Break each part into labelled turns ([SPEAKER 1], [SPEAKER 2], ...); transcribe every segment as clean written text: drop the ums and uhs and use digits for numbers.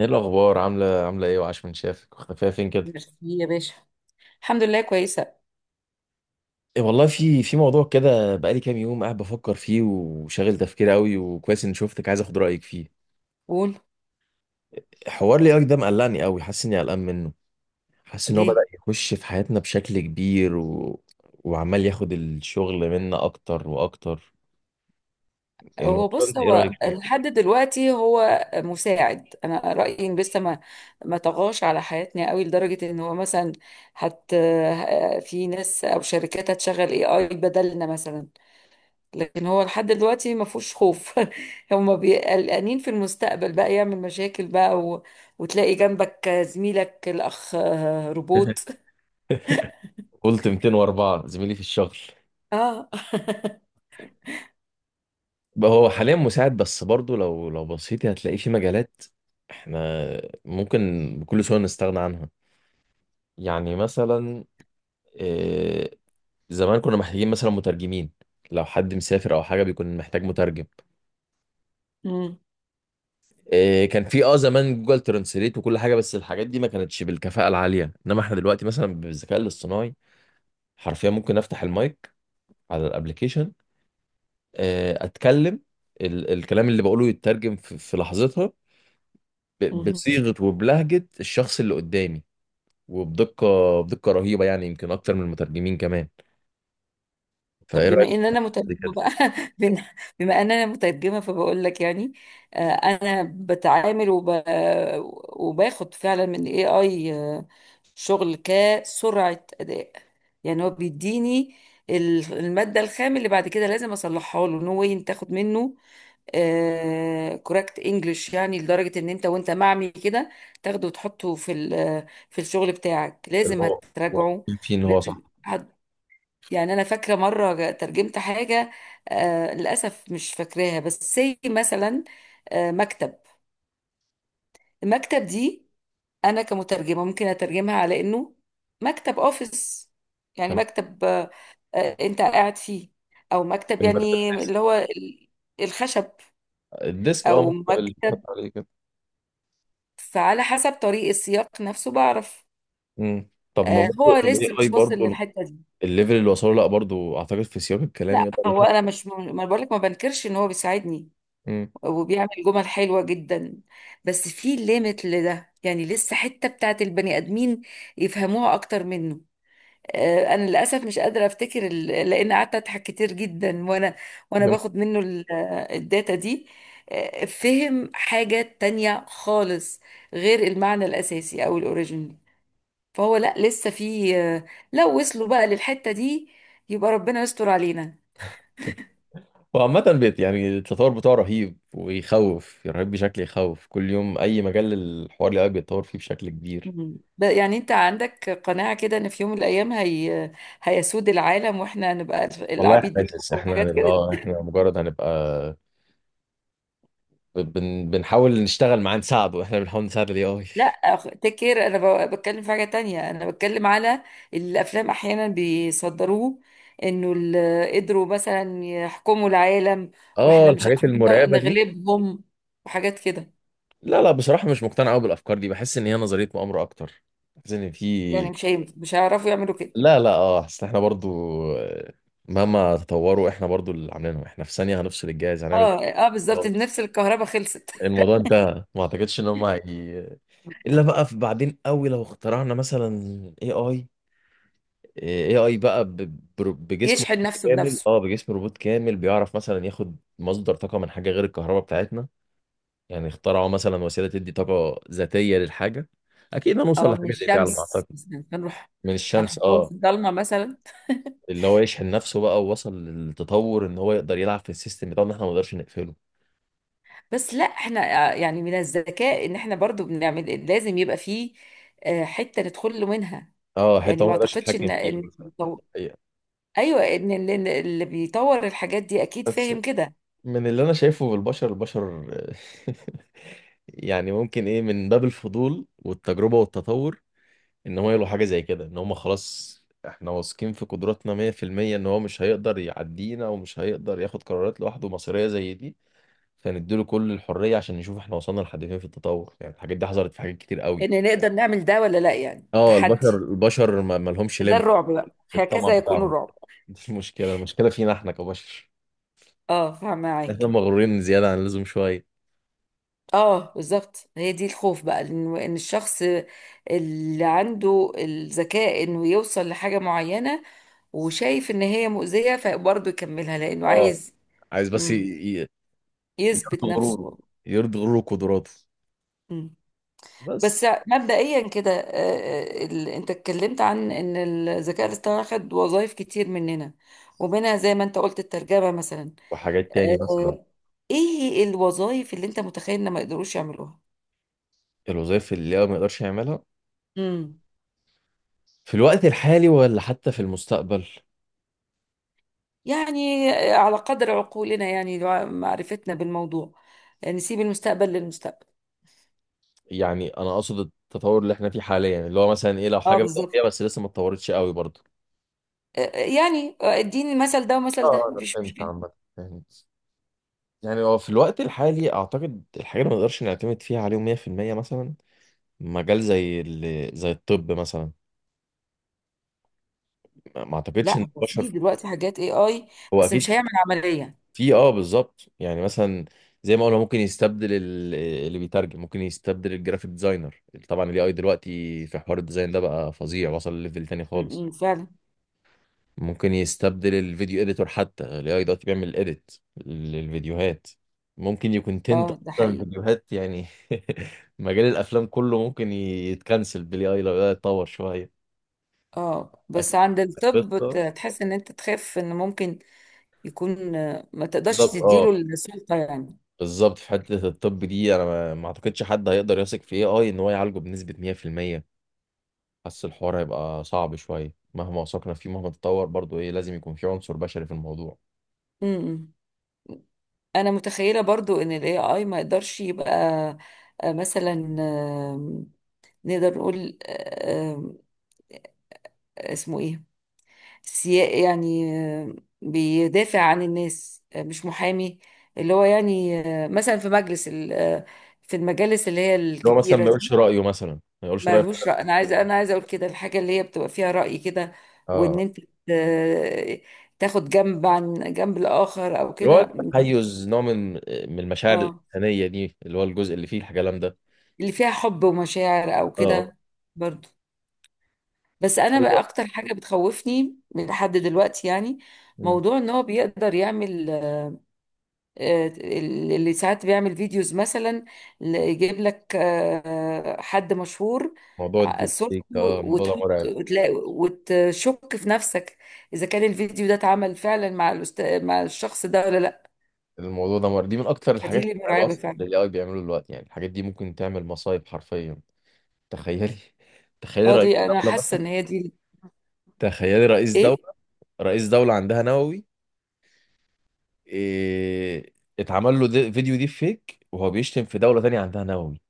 [SPEAKER 1] ايه الاخبار، عامله ايه؟ وعاش من شافك، وختفيه فين كده؟
[SPEAKER 2] ميرسي يا باشا. الحمد لله كويسة.
[SPEAKER 1] إيه والله، في موضوع كده بقالي كام يوم قاعد بفكر فيه وشاغل تفكيري قوي، وكويس اني شفتك عايز اخد رايك فيه.
[SPEAKER 2] قول.
[SPEAKER 1] حوار لي ده مقلقني قوي، حاسس اني قلقان منه. حاسس ان هو بدأ
[SPEAKER 2] ليه.
[SPEAKER 1] يخش في حياتنا بشكل كبير وعمال ياخد الشغل منا اكتر واكتر.
[SPEAKER 2] هو
[SPEAKER 1] الموضوع
[SPEAKER 2] بص،
[SPEAKER 1] ده ايه رايك؟
[SPEAKER 2] هو لحد دلوقتي هو مساعد. انا رأيي ان لسه ما طغاش على حياتنا قوي لدرجة ان هو مثلا هت في ناس او شركات هتشغل اي اي بدلنا مثلا. لكن هو لحد دلوقتي ما فيهوش خوف. هم قلقانين في المستقبل، بقى يعمل مشاكل بقى. وتلاقي جنبك زميلك الاخ روبوت.
[SPEAKER 1] قلت 204 زميلي في الشغل.
[SPEAKER 2] اه.
[SPEAKER 1] بقى هو حاليا مساعد، بس برضه لو بصيتي هتلاقيه في مجالات احنا ممكن بكل سهوله نستغنى عنها. يعني مثلا، آه، زمان كنا محتاجين مثلا مترجمين، لو حد مسافر او حاجه بيكون محتاج مترجم. كان في زمان جوجل ترانسليت وكل حاجه، بس الحاجات دي ما كانتش بالكفاءه العاليه. انما احنا دلوقتي مثلا بالذكاء الاصطناعي حرفيا ممكن افتح المايك على الابليكيشن، اتكلم، الكلام اللي بقوله يترجم في لحظتها
[SPEAKER 2] مم.
[SPEAKER 1] بصيغه وبلهجه الشخص اللي قدامي، وبدقه، بدقه رهيبه، يعني يمكن اكتر من المترجمين كمان.
[SPEAKER 2] طب
[SPEAKER 1] فايه
[SPEAKER 2] بما
[SPEAKER 1] رايك
[SPEAKER 2] ان انا
[SPEAKER 1] في
[SPEAKER 2] مترجمه
[SPEAKER 1] كده؟
[SPEAKER 2] بقى. بن- بما ان انا مترجمه فبقول لك يعني. انا بتعامل وباخد فعلا من الاي اي شغل كسرعه اداء. يعني هو بيديني الماده الخام اللي بعد كده لازم اصلحها له. نو واي تاخد منه كوركت انجلش. يعني لدرجه ان انت وانت معمي كده تاخده وتحطه في في الشغل بتاعك،
[SPEAKER 1] اللي
[SPEAKER 2] لازم
[SPEAKER 1] هو هو
[SPEAKER 2] هتراجعه.
[SPEAKER 1] طبيعي فيه ان هو صح.
[SPEAKER 2] لازم. يعني انا فاكره مره ترجمت حاجه. للاسف مش فاكراها، بس سي مثلا. مكتب. المكتب دي انا كمترجمه ممكن اترجمها على انه مكتب اوفيس، يعني
[SPEAKER 1] تمام.
[SPEAKER 2] مكتب انت قاعد فيه، او مكتب
[SPEAKER 1] مكتب
[SPEAKER 2] يعني
[SPEAKER 1] الديسك.
[SPEAKER 2] اللي هو الخشب،
[SPEAKER 1] الديسك، اه،
[SPEAKER 2] او
[SPEAKER 1] مكتب اللي اتحط
[SPEAKER 2] مكتب.
[SPEAKER 1] عليه كده.
[SPEAKER 2] فعلى حسب طريق السياق نفسه بعرف.
[SPEAKER 1] امم، طب ما
[SPEAKER 2] هو
[SPEAKER 1] برضه الاي
[SPEAKER 2] لسه
[SPEAKER 1] اي
[SPEAKER 2] مش واصل
[SPEAKER 1] برضه
[SPEAKER 2] للحته دي.
[SPEAKER 1] الليفل اللي وصله، لا برضه اعتقد في سياق الكلام
[SPEAKER 2] لا
[SPEAKER 1] يقدر
[SPEAKER 2] هو،
[SPEAKER 1] يحط.
[SPEAKER 2] انا مش، ما بقولك، ما بنكرش ان هو بيساعدني
[SPEAKER 1] امم.
[SPEAKER 2] وبيعمل جمل حلوة جدا. بس في ليميت لده. يعني لسه حتة بتاعت البني آدمين يفهموها أكتر منه. أنا للأسف مش قادرة أفتكر لأن قعدت أضحك كتير جدا وأنا، وأنا باخد منه الداتا دي فهم حاجة تانية خالص، غير المعنى الأساسي أو الأوريجينال. فهو لا، لسه في. لو وصلوا بقى للحتة دي، يبقى ربنا يستر علينا.
[SPEAKER 1] وعامة بيت يعني التطور بتاعه رهيب، ويخوف رهيب بشكل، يخوف كل يوم اي مجال الحوار اللي قاعد بيتطور فيه بشكل كبير.
[SPEAKER 2] مم. يعني انت عندك قناعة كده ان في يوم من الايام هي هيسود العالم واحنا هنبقى
[SPEAKER 1] والله
[SPEAKER 2] العبيد بتوعه
[SPEAKER 1] حاسس احنا
[SPEAKER 2] وحاجات
[SPEAKER 1] هنبقى،
[SPEAKER 2] كده؟
[SPEAKER 1] اه، احنا مجرد هنبقى بنحاول نشتغل معاه، نساعده. احنا بنحاول نساعد الاي اي.
[SPEAKER 2] لا. تيك كير. انا بتكلم في حاجة تانية. انا بتكلم على الافلام، احيانا بيصدروه انه قدروا مثلا يحكموا العالم
[SPEAKER 1] اه
[SPEAKER 2] واحنا مش
[SPEAKER 1] الحاجات
[SPEAKER 2] عارفين
[SPEAKER 1] المرعبة دي.
[SPEAKER 2] نغلبهم، وحاجات كده.
[SPEAKER 1] لا لا، بصراحة مش مقتنع قوي بالأفكار دي، بحس إن هي نظرية مؤامرة أكتر. بحس إن
[SPEAKER 2] يعني
[SPEAKER 1] في،
[SPEAKER 2] مش هيعرفوا يعملوا كده.
[SPEAKER 1] لا لا، اه، أصل إحنا برضو، آه، مهما تطوروا إحنا برضو اللي عاملينهم، إحنا في ثانية هنفصل الجهاز، هنعمل
[SPEAKER 2] اه، اه، بالظبط،
[SPEAKER 1] خلاص.
[SPEAKER 2] نفس الكهرباء خلصت.
[SPEAKER 1] الموضوع انتهى. ما أعتقدش إن هم إلا بقى في بعدين قوي لو اخترعنا مثلا اي اي. اي اي بقى بجسم
[SPEAKER 2] يشحن نفسه
[SPEAKER 1] كامل،
[SPEAKER 2] بنفسه،
[SPEAKER 1] اه، بجسم روبوت كامل، بيعرف مثلا ياخد مصدر طاقة من حاجة غير الكهرباء بتاعتنا. يعني اخترعوا مثلا وسيله تدي طاقه ذاتيه للحاجه. اكيد هنوصل
[SPEAKER 2] او من
[SPEAKER 1] لحاجه زي دي على ما اعتقد.
[SPEAKER 2] الشمس مثلا. هنروح
[SPEAKER 1] من الشمس،
[SPEAKER 2] هنحطهم في
[SPEAKER 1] اه.
[SPEAKER 2] الضلمه مثلا.
[SPEAKER 1] اللي هو يشحن نفسه بقى ووصل للتطور ان هو يقدر يلعب في السيستم بتاعنا، احنا ما نقدرش نقفله.
[SPEAKER 2] بس لا، احنا يعني من الذكاء ان احنا برضو بنعمل، لازم يبقى فيه حته ندخل له منها.
[SPEAKER 1] اه حته
[SPEAKER 2] يعني
[SPEAKER 1] هو ما
[SPEAKER 2] ما
[SPEAKER 1] يقدرش
[SPEAKER 2] اعتقدش
[SPEAKER 1] يتحكم
[SPEAKER 2] ان
[SPEAKER 1] فيها
[SPEAKER 2] ان
[SPEAKER 1] مثلا. الحقيقة.
[SPEAKER 2] ايوه، إن اللي بيطور الحاجات دي اكيد
[SPEAKER 1] بس
[SPEAKER 2] فاهم كده.
[SPEAKER 1] من اللي انا شايفه بالبشر، البشر يعني ممكن ايه من باب الفضول والتجربه والتطور، ان هو يلقوا حاجه زي كده، ان هم خلاص احنا واثقين في قدراتنا 100% ان هو مش هيقدر يعدينا، ومش هيقدر ياخد قرارات لوحده مصيريه زي دي، فنديله كل الحرية عشان نشوف احنا وصلنا لحد فين في التطور. يعني الحاجات دي حصلت في حاجات كتير قوي.
[SPEAKER 2] ان نقدر نعمل ده ولا لا، يعني
[SPEAKER 1] اه البشر
[SPEAKER 2] تحدي.
[SPEAKER 1] البشر ما لهمش
[SPEAKER 2] ده
[SPEAKER 1] ليميت
[SPEAKER 2] الرعب بقى،
[SPEAKER 1] في الطمع
[SPEAKER 2] هكذا يكون
[SPEAKER 1] بتاعهم.
[SPEAKER 2] الرعب.
[SPEAKER 1] دي المشكلة، المشكلة فينا احنا كبشر،
[SPEAKER 2] اه، فاهمه
[SPEAKER 1] احنا
[SPEAKER 2] معاك.
[SPEAKER 1] مغرورين زيادة عن اللزوم شوية.
[SPEAKER 2] اه بالظبط، هي دي الخوف بقى، إن الشخص اللي عنده الذكاء، انه يوصل لحاجة معينة وشايف ان هي مؤذية فبرضه يكملها لانه
[SPEAKER 1] اه،
[SPEAKER 2] عايز
[SPEAKER 1] عايز بس
[SPEAKER 2] مم،
[SPEAKER 1] ي-
[SPEAKER 2] يثبت
[SPEAKER 1] يرضي غروره،
[SPEAKER 2] نفسه.
[SPEAKER 1] يرضي غروره وقدراته.
[SPEAKER 2] مم.
[SPEAKER 1] بس
[SPEAKER 2] بس مبدئيا كده، انت اتكلمت عن ان الذكاء الاصطناعي خد وظائف كتير مننا، ومنها زي ما انت قلت الترجمة مثلا.
[SPEAKER 1] وحاجات تاني مثلا.
[SPEAKER 2] آه، ايه الوظائف اللي انت متخيل ان ما يقدروش يعملوها؟
[SPEAKER 1] الوظائف اللي هو ما يقدرش يعملها
[SPEAKER 2] مم.
[SPEAKER 1] في الوقت الحالي ولا حتى في المستقبل.
[SPEAKER 2] يعني على قدر عقولنا، يعني معرفتنا بالموضوع. نسيب المستقبل للمستقبل.
[SPEAKER 1] يعني انا اقصد التطور اللي احنا فيه حاليا، اللي هو مثلا ايه، لو
[SPEAKER 2] اه
[SPEAKER 1] حاجة بدأ
[SPEAKER 2] بالظبط.
[SPEAKER 1] فيها بس لسه ما اتطورتش قوي برضه.
[SPEAKER 2] يعني اديني المثل ده، ومثل ده
[SPEAKER 1] اه انا
[SPEAKER 2] مفيش
[SPEAKER 1] فهمت
[SPEAKER 2] مشكلة.
[SPEAKER 1] عامة، فهمت. يعني هو في الوقت الحالي اعتقد الحاجه اللي ما نقدرش نعتمد فيها عليهم 100%، مثلا مجال زي الطب مثلا. ما اعتقدش
[SPEAKER 2] لا،
[SPEAKER 1] ان
[SPEAKER 2] هو في
[SPEAKER 1] البشر،
[SPEAKER 2] دلوقتي حاجات اي اي،
[SPEAKER 1] هو
[SPEAKER 2] بس مش
[SPEAKER 1] اكيد
[SPEAKER 2] هيعمل عملية.
[SPEAKER 1] في، اه، بالظبط يعني مثلا زي ما قلنا ممكن يستبدل اللي بيترجم، ممكن يستبدل الجرافيك ديزاينر. طبعا الاي اي دلوقتي في حوار الديزاين ده بقى فظيع، وصل ليفل تاني
[SPEAKER 2] م-
[SPEAKER 1] خالص.
[SPEAKER 2] م، فعلا.
[SPEAKER 1] ممكن يستبدل الفيديو اديتور، حتى ال AI دلوقتي بيعمل اديت للفيديوهات. ممكن يكون تنت
[SPEAKER 2] اه، ده
[SPEAKER 1] اصلا
[SPEAKER 2] حقيقي.
[SPEAKER 1] فيديوهات يعني. مجال الافلام كله ممكن يتكنسل بالاي اي لو ده اتطور شويه
[SPEAKER 2] اه،
[SPEAKER 1] أكتر.
[SPEAKER 2] بس عند الطب
[SPEAKER 1] قصه،
[SPEAKER 2] تحس ان انت تخاف ان ممكن يكون، ما تقدرش
[SPEAKER 1] بالظبط اه،
[SPEAKER 2] تديله السلطة يعني.
[SPEAKER 1] بالظبط في حته الطب دي انا ما اعتقدش حد هيقدر يثق في اي اي ان هو يعالجه بنسبه 100%. حاسس الحوار هيبقى صعب شويه، مهما وثقنا فيه، مهما تطور برضو، ايه، لازم يكون في عنصر بشري في الموضوع.
[SPEAKER 2] امم انا متخيله برضو ان الاي اي ما يقدرش يبقى مثلا. نقدر نقول اسمه ايه؟ سيا يعني. آه، بيدافع عن الناس، مش محامي، اللي هو يعني مثلا في مجلس في المجالس اللي هي
[SPEAKER 1] اللي هو مثلا ما
[SPEAKER 2] الكبيرة
[SPEAKER 1] يقولش
[SPEAKER 2] دي.
[SPEAKER 1] رايه، مثلا ما يقولش رايه في،
[SPEAKER 2] مالهوش رأي. انا عايزه اقول كده، الحاجة اللي هي بتبقى فيها رأي كده، وان
[SPEAKER 1] اه،
[SPEAKER 2] انت آه، تاخد جنب عن جنب الآخر او
[SPEAKER 1] اللي هو
[SPEAKER 2] كده.
[SPEAKER 1] التحيز، نوع من من المشاعر
[SPEAKER 2] اه.
[SPEAKER 1] الإنسانية دي، اللي هو الجزء اللي فيه الكلام ده.
[SPEAKER 2] اللي فيها حب ومشاعر او
[SPEAKER 1] اه.
[SPEAKER 2] كده، برضو. بس انا بقى
[SPEAKER 1] هو
[SPEAKER 2] اكتر حاجه بتخوفني من لحد دلوقتي يعني،
[SPEAKER 1] مم.
[SPEAKER 2] موضوع ان هو بيقدر يعمل اللي ساعات بيعمل فيديوز مثلا، يجيب لك حد مشهور،
[SPEAKER 1] موضوع الديب
[SPEAKER 2] صورته
[SPEAKER 1] فيك، اه الموضوع ده
[SPEAKER 2] وتحط،
[SPEAKER 1] مرعب.
[SPEAKER 2] وتلاقي وتشك في نفسك اذا كان الفيديو ده اتعمل فعلا مع الشخص ده ولا لا.
[SPEAKER 1] الموضوع ده مرعب، دي من أكتر
[SPEAKER 2] فدي
[SPEAKER 1] الحاجات
[SPEAKER 2] اللي
[SPEAKER 1] المرعبة
[SPEAKER 2] مرعبه
[SPEAKER 1] أصلا اللي
[SPEAKER 2] فعلا.
[SPEAKER 1] ال AI بيعملوا دلوقتي. يعني الحاجات دي ممكن تعمل مصايب حرفيا. تخيلي، تخيلي
[SPEAKER 2] اه،
[SPEAKER 1] رئيس
[SPEAKER 2] دي انا
[SPEAKER 1] دولة
[SPEAKER 2] حاسه ان
[SPEAKER 1] مثلا،
[SPEAKER 2] هي دي.
[SPEAKER 1] تخيلي رئيس دولة،
[SPEAKER 2] ايه.
[SPEAKER 1] رئيس دولة عندها نووي، إيه... اتعمل له فيديو دي فيك، وهو بيشتم في دولة تانية عندها نووي،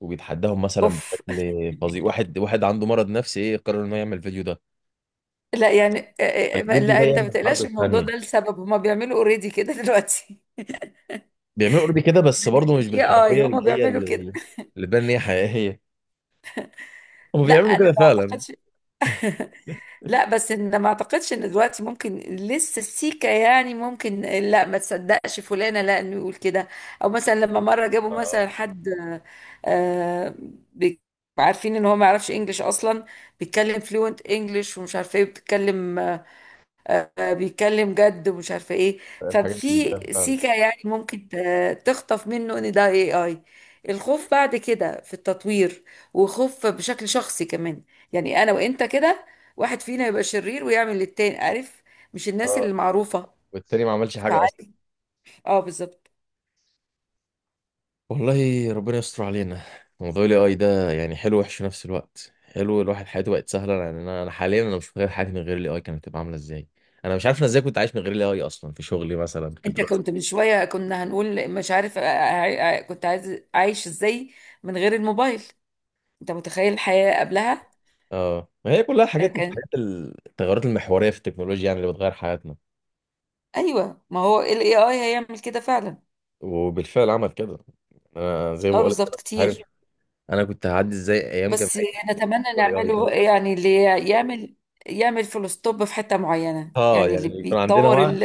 [SPEAKER 1] وبيتحداهم مثلا
[SPEAKER 2] اوف.
[SPEAKER 1] بشكل فظيع. واحد واحد عنده مرض نفسي، ايه، قرر انه يعمل فيديو ده،
[SPEAKER 2] لا يعني
[SPEAKER 1] الفيديو
[SPEAKER 2] لا
[SPEAKER 1] ده
[SPEAKER 2] انت
[SPEAKER 1] يعمل
[SPEAKER 2] ما
[SPEAKER 1] الحرب
[SPEAKER 2] تقلقش، الموضوع
[SPEAKER 1] الثانية.
[SPEAKER 2] ده لسبب هما بيعملوا اوريدي كده. دلوقتي
[SPEAKER 1] بيعملوا اوريدي كده، بس برضه مش
[SPEAKER 2] مش اي اي
[SPEAKER 1] بالحرفية اللي
[SPEAKER 2] هما
[SPEAKER 1] هي،
[SPEAKER 2] بيعملوا
[SPEAKER 1] اللي
[SPEAKER 2] كده.
[SPEAKER 1] اللي تبان ان هي حقيقية. هم
[SPEAKER 2] لا،
[SPEAKER 1] بيعملوا
[SPEAKER 2] انا
[SPEAKER 1] كده
[SPEAKER 2] ما
[SPEAKER 1] فعلا.
[SPEAKER 2] اعتقدش. لا، بس ان ما اعتقدش ان دلوقتي ممكن، لسه السيكه، يعني ممكن لا ما تصدقش فلانه لا انه يقول كده. او مثلا لما مره جابوا
[SPEAKER 1] آه،
[SPEAKER 2] مثلا حد، آه بي- عارفين ان هو ما يعرفش انجليش اصلا، بيتكلم فلوينت انجليش ومش عارفه ايه بيتكلم. بيتكلم جد ومش عارفه ايه.
[SPEAKER 1] الحاجات دي
[SPEAKER 2] ففي
[SPEAKER 1] بتبان فعلا.
[SPEAKER 2] سيكه يعني ممكن تخطف منه ان ده اي اي. الخوف بعد كده في التطوير، وخوف بشكل شخصي كمان. يعني انا وانت كده، واحد فينا يبقى شرير ويعمل للتاني، عارف، مش الناس
[SPEAKER 1] اه،
[SPEAKER 2] اللي معروفه،
[SPEAKER 1] والتاني ما عملش حاجة أصلا.
[SPEAKER 2] فعارف. اه بالظبط.
[SPEAKER 1] والله ربنا يستر علينا. موضوع الاي اي ده، يعني حلو وحش في نفس الوقت. حلو، الواحد حياته بقت سهلة. يعني أنا حاليا أنا مش متخيل حياتي من غير الاي اي كانت هتبقى عاملة إزاي. أنا مش عارف أنا إزاي كنت عايش من غير الاي اي أصلا، في شغلي مثلا، في
[SPEAKER 2] انت
[SPEAKER 1] دراستي.
[SPEAKER 2] كنت من شويه كنا هنقول مش عارف كنت عايش ازاي من غير الموبايل؟ انت متخيل الحياه قبلها؟
[SPEAKER 1] اه ما هي كلها
[SPEAKER 2] أنا
[SPEAKER 1] حاجات من
[SPEAKER 2] كان.
[SPEAKER 1] الحاجات، التغيرات المحورية في التكنولوجيا، يعني اللي بتغير حياتنا.
[SPEAKER 2] ايوه، ما هو الاي اي هيعمل كده فعلا.
[SPEAKER 1] وبالفعل عمل كده. انا زي ما
[SPEAKER 2] اه
[SPEAKER 1] بقول لك
[SPEAKER 2] بالظبط،
[SPEAKER 1] انا مش عارف
[SPEAKER 2] كتير.
[SPEAKER 1] انا كنت هعدي ازاي ايام
[SPEAKER 2] بس
[SPEAKER 1] جامعتي
[SPEAKER 2] نتمنى
[SPEAKER 1] والاي اي ده.
[SPEAKER 2] نعمله، يعني اللي يعمل يعمل فول ستوب في حتة معينة،
[SPEAKER 1] اه،
[SPEAKER 2] يعني اللي
[SPEAKER 1] يعني كان عندنا
[SPEAKER 2] بيطور
[SPEAKER 1] وعي،
[SPEAKER 2] ال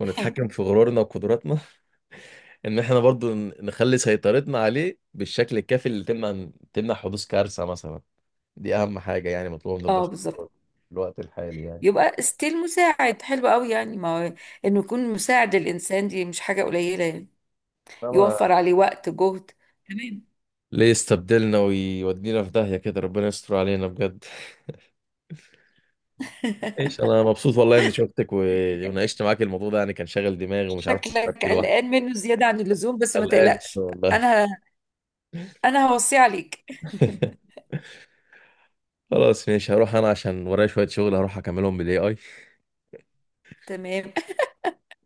[SPEAKER 1] ونتحكم في غرورنا وقدراتنا ان احنا برضو نخلي سيطرتنا عليه بالشكل الكافي، اللي تمنع حدوث كارثة مثلا. دي اهم حاجة يعني مطلوبة من
[SPEAKER 2] اه
[SPEAKER 1] البشر
[SPEAKER 2] بالظبط.
[SPEAKER 1] في الوقت الحالي يعني.
[SPEAKER 2] يبقى ستيل مساعد حلو قوي، يعني ما هو انه يكون مساعد للانسان دي مش حاجة قليلة يعني،
[SPEAKER 1] فما
[SPEAKER 2] يوفر عليه وقت جهد. تمام.
[SPEAKER 1] ليه يستبدلنا ويودينا في داهية كده؟ ربنا يستر علينا بجد. ايش، انا مبسوط والله اني شفتك وناقشت معاك الموضوع ده، يعني كان شاغل دماغي ومش عارف افكر
[SPEAKER 2] شكلك
[SPEAKER 1] فيه لوحدي.
[SPEAKER 2] قلقان منه زيادة عن اللزوم، بس ما
[SPEAKER 1] قلقان
[SPEAKER 2] تقلقش.
[SPEAKER 1] والله.
[SPEAKER 2] انا انا هوصيه عليك.
[SPEAKER 1] خلاص ماشي، هروح انا عشان ورايا شوية شغل، هروح اكملهم بالاي اي.
[SPEAKER 2] تمام.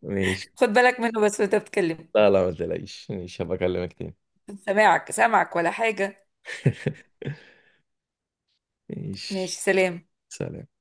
[SPEAKER 1] ماشي.
[SPEAKER 2] خد بالك منه بس وانت بتتكلم.
[SPEAKER 1] لا لا ما تقلقيش، ماشي، هبقى اكلمك تاني.
[SPEAKER 2] سامعك سامعك ولا حاجة. ماشي.
[SPEAKER 1] ماشي،
[SPEAKER 2] سلام.
[SPEAKER 1] سلام.